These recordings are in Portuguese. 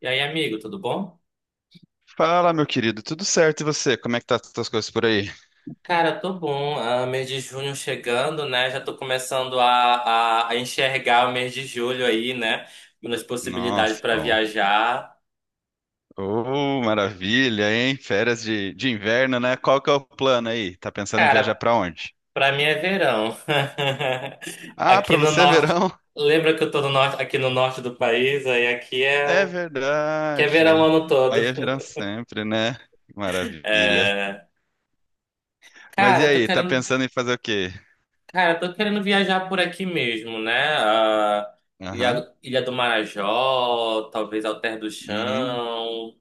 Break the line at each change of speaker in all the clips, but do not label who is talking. E aí, amigo, tudo bom?
Fala, meu querido, tudo certo? E você? Como é que tá as tuas coisas por aí?
Cara, tô bom. Ah, mês de junho chegando, né? Já tô começando a enxergar o mês de julho aí, né? Nas possibilidades
Nossa,
para
bom.
viajar.
Oh, maravilha, hein? Férias de inverno, né? Qual que é o plano aí? Tá pensando em viajar
Cara,
pra onde?
pra mim é verão.
Ah, pra
Aqui no
você é
norte,
verão?
lembra que eu tô no norte, aqui no norte do país, aí aqui
É
é que é verão o
verdade.
ano
Aí é
todo.
verão sempre, né? Maravilha.
É,
Mas
cara,
e
eu tô
aí, tá
querendo.
pensando em fazer o quê?
Cara, eu tô querendo viajar por aqui mesmo, né? Ah,
Aham.
Ilha do Marajó, talvez Alter do
Uhum.
Chão,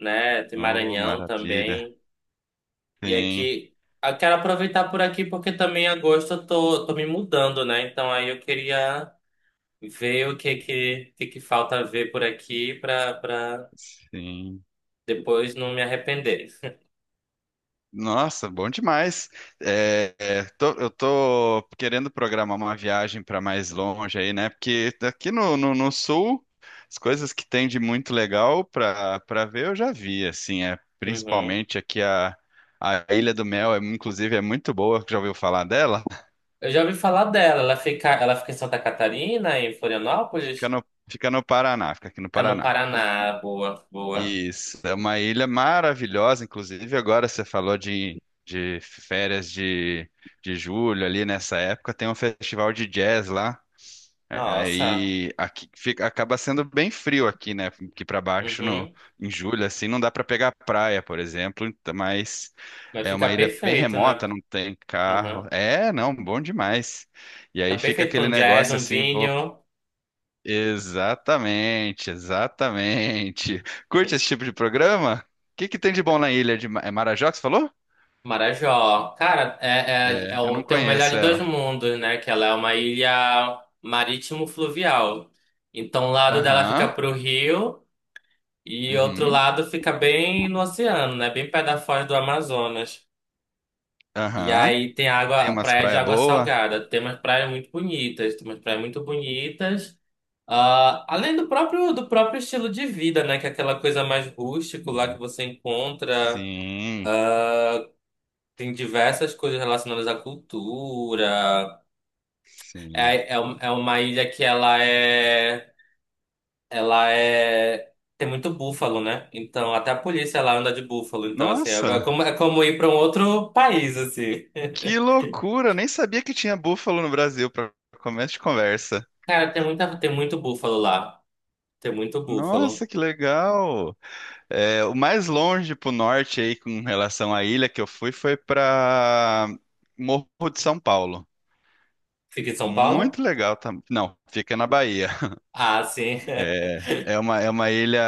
né? Tem
Oh,
Maranhão
maravilha.
também. E
Sim,
aqui, eu quero aproveitar por aqui porque também em agosto eu tô me mudando, né? Então aí eu queria ver o que que falta ver por aqui pra
sim.
depois não me arrepender.
Nossa, bom demais. Eu tô querendo programar uma viagem para mais longe aí, né? Porque aqui no sul, as coisas que tem de muito legal para ver eu já vi, assim, é
Uhum.
principalmente aqui a Ilha do Mel, é, inclusive é muito boa, já ouviu falar dela?
Eu já ouvi falar dela. Ela fica em Santa Catarina, em
Fica
Florianópolis?
no, fica no Paraná, fica aqui no
Fica no
Paraná.
Paraná. Boa, boa.
Isso, é uma ilha maravilhosa, inclusive agora você falou de férias de julho ali nessa época, tem um festival de jazz lá,
Nossa,
aí aqui fica, acaba sendo bem frio aqui, né, aqui para baixo
uhum.
em julho, assim, não dá para pegar praia, por exemplo, então, mas
Vai
é uma
ficar
ilha bem
perfeito, né?
remota, não tem carro,
Uhum.
é, não, bom demais, e aí
Fica
fica
perfeito para
aquele
um jazz,
negócio
um
assim.
vinho.
Exatamente, exatamente. Curte esse tipo de programa? O que que tem de bom na ilha de é Marajó, que você falou?
Marajó. Cara,
É, eu não
tem o melhor
conheço
de dois
ela.
mundos, né? Que ela é uma ilha marítimo-fluvial. Então, um lado dela
Aham,
fica pro rio e outro
uhum,
lado fica bem no oceano, né? Bem pé da foz do Amazonas. E
aham.
aí tem
Tem
água,
umas
praia de
praias
água
boas?
salgada. Tem umas praias muito bonitas, tem umas praias muito bonitas. Ah, além do próprio estilo de vida, né? Que é aquela coisa mais rústico lá que
Sim.
você encontra.
Sim,
Tem diversas coisas relacionadas à cultura.
sim.
É uma ilha que ela é. Ela é. Tem muito búfalo, né? Então até a polícia lá anda de búfalo. Então, assim, é é
Nossa,
como, é como ir para um outro país, assim.
que loucura! Nem sabia que tinha búfalo no Brasil para começo de conversa.
Cara, tem muito búfalo lá. Tem muito
Nossa,
búfalo.
que legal! É, o mais longe pro norte aí com relação à ilha que eu fui foi pra Morro de São Paulo.
Fica em São Paulo?
Muito legal também. Não, fica na Bahia.
Ah, sim.
É uma ilha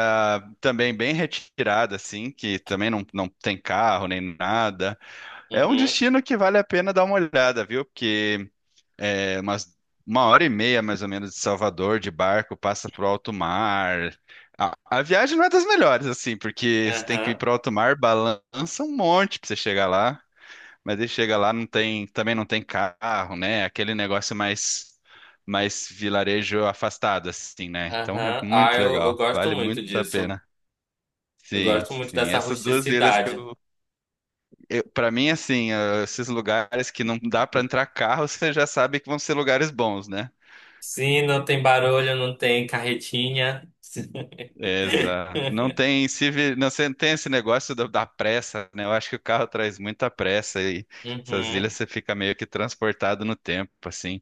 também bem retirada, assim, que também não tem carro nem nada. É um
Uhum,
destino que vale a pena dar uma olhada, viu? Porque É umas 1h30, mais ou menos, de Salvador, de barco, passa pro alto mar. A viagem não é das melhores, assim, porque você tem que ir
aham,
pro alto mar, balança um monte pra você chegar lá. Mas aí chega lá, também não tem carro, né? Aquele negócio mais vilarejo afastado, assim, né? Então é
aham. Ah,
muito
eu
legal,
gosto
vale
muito
muito a
disso.
pena.
Eu
Sim,
gosto muito
sim.
dessa
Essas duas ilhas
rusticidade.
eu para mim, assim, esses lugares que não dá pra entrar carro, você já sabe que vão ser lugares bons, né?
Sim, não tem barulho, não tem carretinha.
Exato. Não tem, tem esse negócio da pressa, né? Eu acho que o carro traz muita pressa e essas ilhas
Uhum,
você fica meio que transportado no tempo, assim.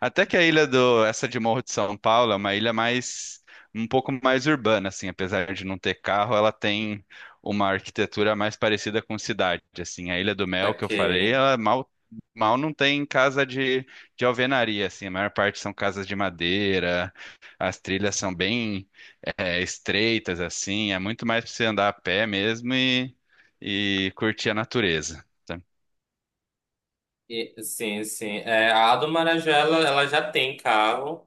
Até que essa de Morro de São Paulo é uma ilha um pouco mais urbana, assim, apesar de não ter carro, ela tem uma arquitetura mais parecida com cidade, assim. A Ilha do Mel que eu falei,
saquei.
ela mal não tem casa de alvenaria, assim. A maior parte são casas de madeira, as trilhas são bem estreitas, assim. É muito mais para você andar a pé mesmo e curtir a natureza. Tá?
E, sim, sim. É, a do Marajó, ela já tem carro.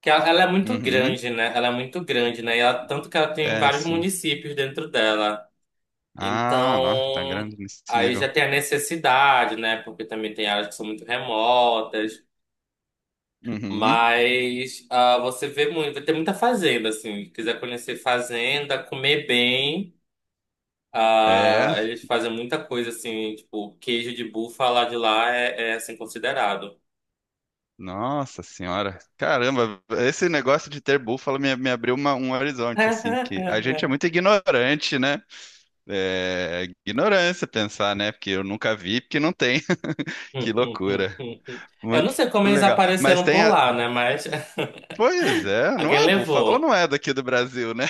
Que ela é muito
Uhum,
grande, né? Ela é muito grande, né? E tanto que ela tem
é,
vários
sim.
municípios dentro dela.
Ah, nossa, tá
Então,
grande nesse
aí já
nível.
tem a necessidade, né? Porque também tem áreas que são muito remotas.
Uhum.
Mas você vê muito, vai ter muita fazenda, assim. Se quiser conhecer fazenda, comer bem.
É,
Ah, eles fazem muita coisa, assim, tipo, queijo de búfala de lá é assim, considerado.
nossa senhora, caramba, esse negócio de ter búfalo me abriu um horizonte, assim, que a gente é muito ignorante, né? É, ignorância pensar, né? Porque eu nunca vi, porque não tem. Que loucura,
Eu não
muito
sei como eles
legal. Mas
apareceram
tem
por
a...
lá, né? Mas
Pois é, não
alguém
é, búfalo não
levou.
é daqui do Brasil, né?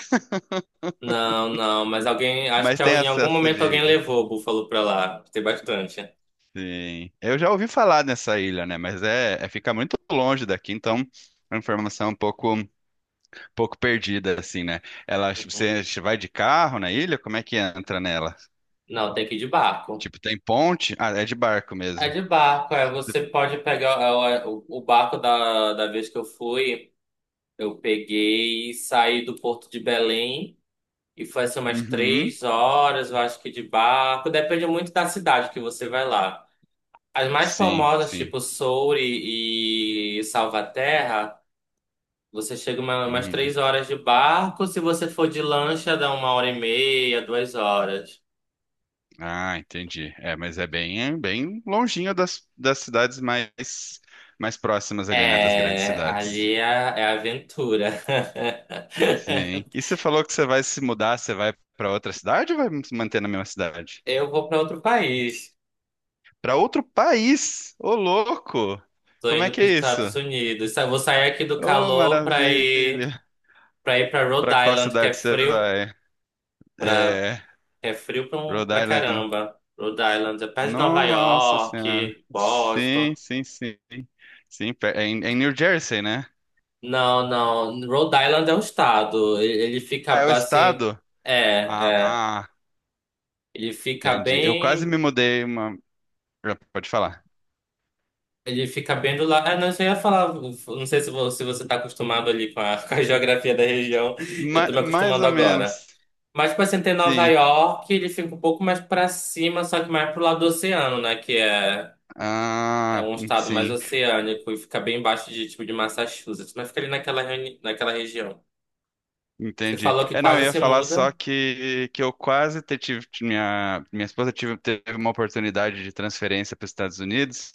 Não, não, mas alguém, acho
Mas
que
tem
em algum
acesso
momento alguém
de...
levou o Búfalo pra lá. Tem bastante.
Sim, eu já ouvi falar nessa ilha, né? Mas é fica muito longe daqui, então a informação é um pouco perdida, assim, né? Ela,
Uhum.
você vai de carro na ilha? Como é que entra nela?
Não, tem que ir de barco.
Tipo, tem ponte? Ah, é de barco
É
mesmo.
de barco, você pode pegar o barco da vez que eu fui, eu peguei e saí do Porto de Belém e foi assim umas
Uhum,
3 horas, eu acho que de barco. Depende muito da cidade que você vai lá. As mais
sim,
famosas,
sim.
tipo Soure e Salvaterra. Você chega umas
Uhum.
3 horas de barco, se você for de lancha, dá 1 hora e meia, 2 horas.
Ah, entendi. É, mas é bem longinho das cidades mais próximas ali, né? Das grandes cidades.
Ali é aventura.
Sim. E você falou que você vai se mudar, você vai para outra cidade ou vai se manter na mesma cidade?
Eu vou para outro país.
Para outro país? Ô, louco!
Tô
Como é
indo
que
para os
é isso?
Estados Unidos. Vou sair aqui do
Ô,
calor para ir
maravilha!
para Rhode
Pra qual
Island, que é
cidade você
frio,
vai?
para
É,
é frio
Rhode
para
Island.
caramba. Rhode Island é perto de Nova
Nossa Senhora.
York,
Sim,
Boston.
sim, sim. Sim, é em New Jersey, né?
Não, não. Rhode Island é um estado. Ele
Ah,
fica
é o
assim.
estado?
É, é.
Ah,
Ele fica
entendi. Eu quase
bem.
me mudei Já pode falar.
Ele fica bem do lado. Ah, não, isso eu ia falar. Não sei se você está acostumado ali com a, com a geografia da região. Eu
Ma-
estou me
mais
acostumando
ou
agora.
menos.
Mas, tipo assim, tem Nova
Sim.
York, ele fica um pouco mais para cima, só que mais pro lado do oceano, né? Que é
Ah,
um estado mais
sim.
oceânico e fica bem embaixo de, tipo, de Massachusetts. Mas fica ali naquela região. Você
Entendi.
falou que
É, não, eu
quase
ia
se
falar só
muda.
que, eu quase tive, minha esposa teve uma oportunidade de transferência para os Estados Unidos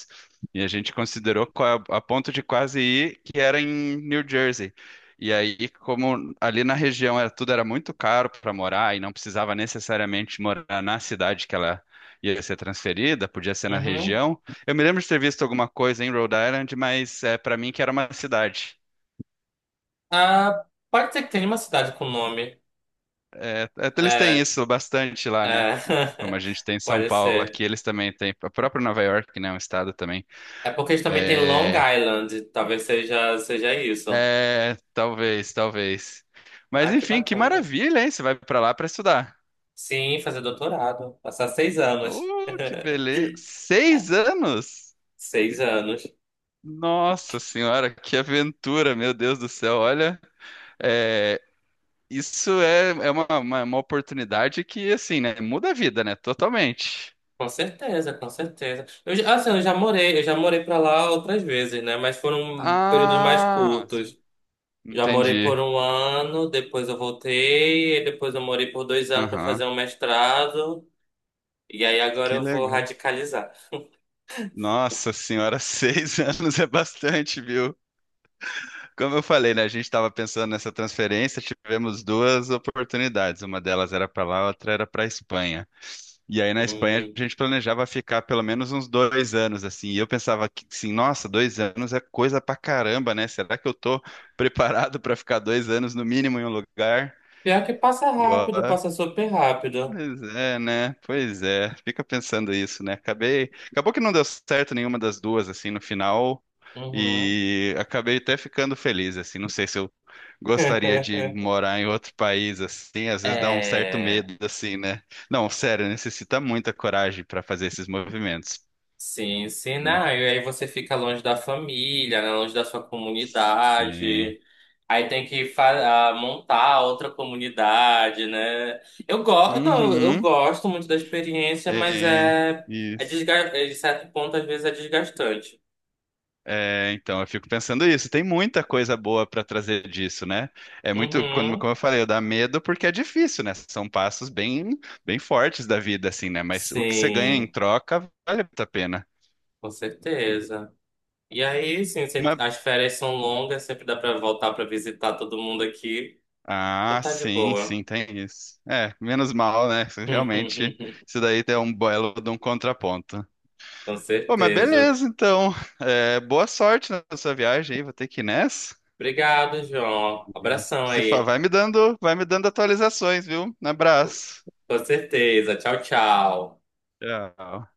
e a gente considerou a ponto de quase ir, que era em New Jersey. E aí, como ali na região tudo era muito caro para morar e não precisava necessariamente morar na cidade que ela ia ser transferida, podia ser na
Uhum.
região. Eu me lembro de ter visto alguma coisa em Rhode Island, mas para mim que era uma cidade.
Ah, pode ser que tenha uma cidade com nome.
É, até eles têm
É,
isso bastante
é,
lá, né? Como a gente tem em São
pode
Paulo aqui,
ser.
eles também têm. A própria Nova York, né? É um estado também.
É porque eles também têm Long
É,
Island. Talvez seja isso.
talvez, talvez. Mas
Ah, que
enfim, que
bacana.
maravilha, hein? Você vai pra lá pra estudar.
Sim, fazer doutorado. Passar 6 anos.
Oh, que beleza! 6 anos?
6 anos.
Nossa Senhora, que aventura, meu Deus do céu! Olha, é, isso é uma oportunidade que, assim, né? Muda a vida, né? Totalmente.
Com certeza, com certeza. Assim, eu já morei para lá outras vezes, né? Mas foram períodos mais
Ah,
curtos. Já morei por
entendi.
1 ano, depois eu voltei, e depois eu morei por 2 anos para
Aham.
fazer um mestrado. E aí agora
Que
eu vou
legal.
radicalizar.
Nossa senhora, 6 anos é bastante, viu? Como eu falei, né? A gente estava pensando nessa transferência, tivemos duas oportunidades. Uma delas era para lá, a outra era para a Espanha. E aí na Espanha
Hum,
a gente planejava ficar pelo menos uns 2 anos, assim. E eu pensava que, assim, nossa, 2 anos é coisa pra caramba, né? Será que eu tô preparado para ficar 2 anos no mínimo em um lugar?
Pior que passa
E ó,
rápido, passa super rápido.
pois é, né? Pois é. Fica pensando isso, né? Acabou que não deu certo nenhuma das duas assim no final
Uhum.
e acabei até ficando feliz assim. Não sei se eu gostaria de morar em outro país assim, às vezes dá um certo
É,
medo assim, né? Não, sério, necessita muita coragem para fazer esses movimentos.
sim, sim, não. E aí você fica longe da família, né? Longe da sua
Sim.
comunidade. Aí tem que montar outra comunidade, né? Eu gosto, não, eu
Uhum.
gosto muito da experiência, mas
É, isso.
de certo ponto às vezes é desgastante.
É, então, eu fico pensando isso. Tem muita coisa boa para trazer disso, né? É muito, quando-
Uhum.
como eu falei, dá medo porque é difícil, né? São passos bem, bem fortes da vida, assim, né? Mas o que você ganha em
Sim,
troca vale muito a pena.
com certeza. E aí, sim,
Mas-
as férias são longas, sempre dá pra voltar pra visitar todo mundo aqui. Então
Ah,
tá de
sim,
boa.
sim, tem isso. É, menos mal, né? Realmente, isso daí é um belo de um contraponto.
Com
Pô, mas
certeza.
beleza, então. É, boa sorte na sua viagem aí, vou ter que ir nessa.
Obrigado, João.
E
Abração
se fa-
aí.
vai me dando atualizações, viu? Um abraço.
Com certeza. Tchau, tchau.
Tchau.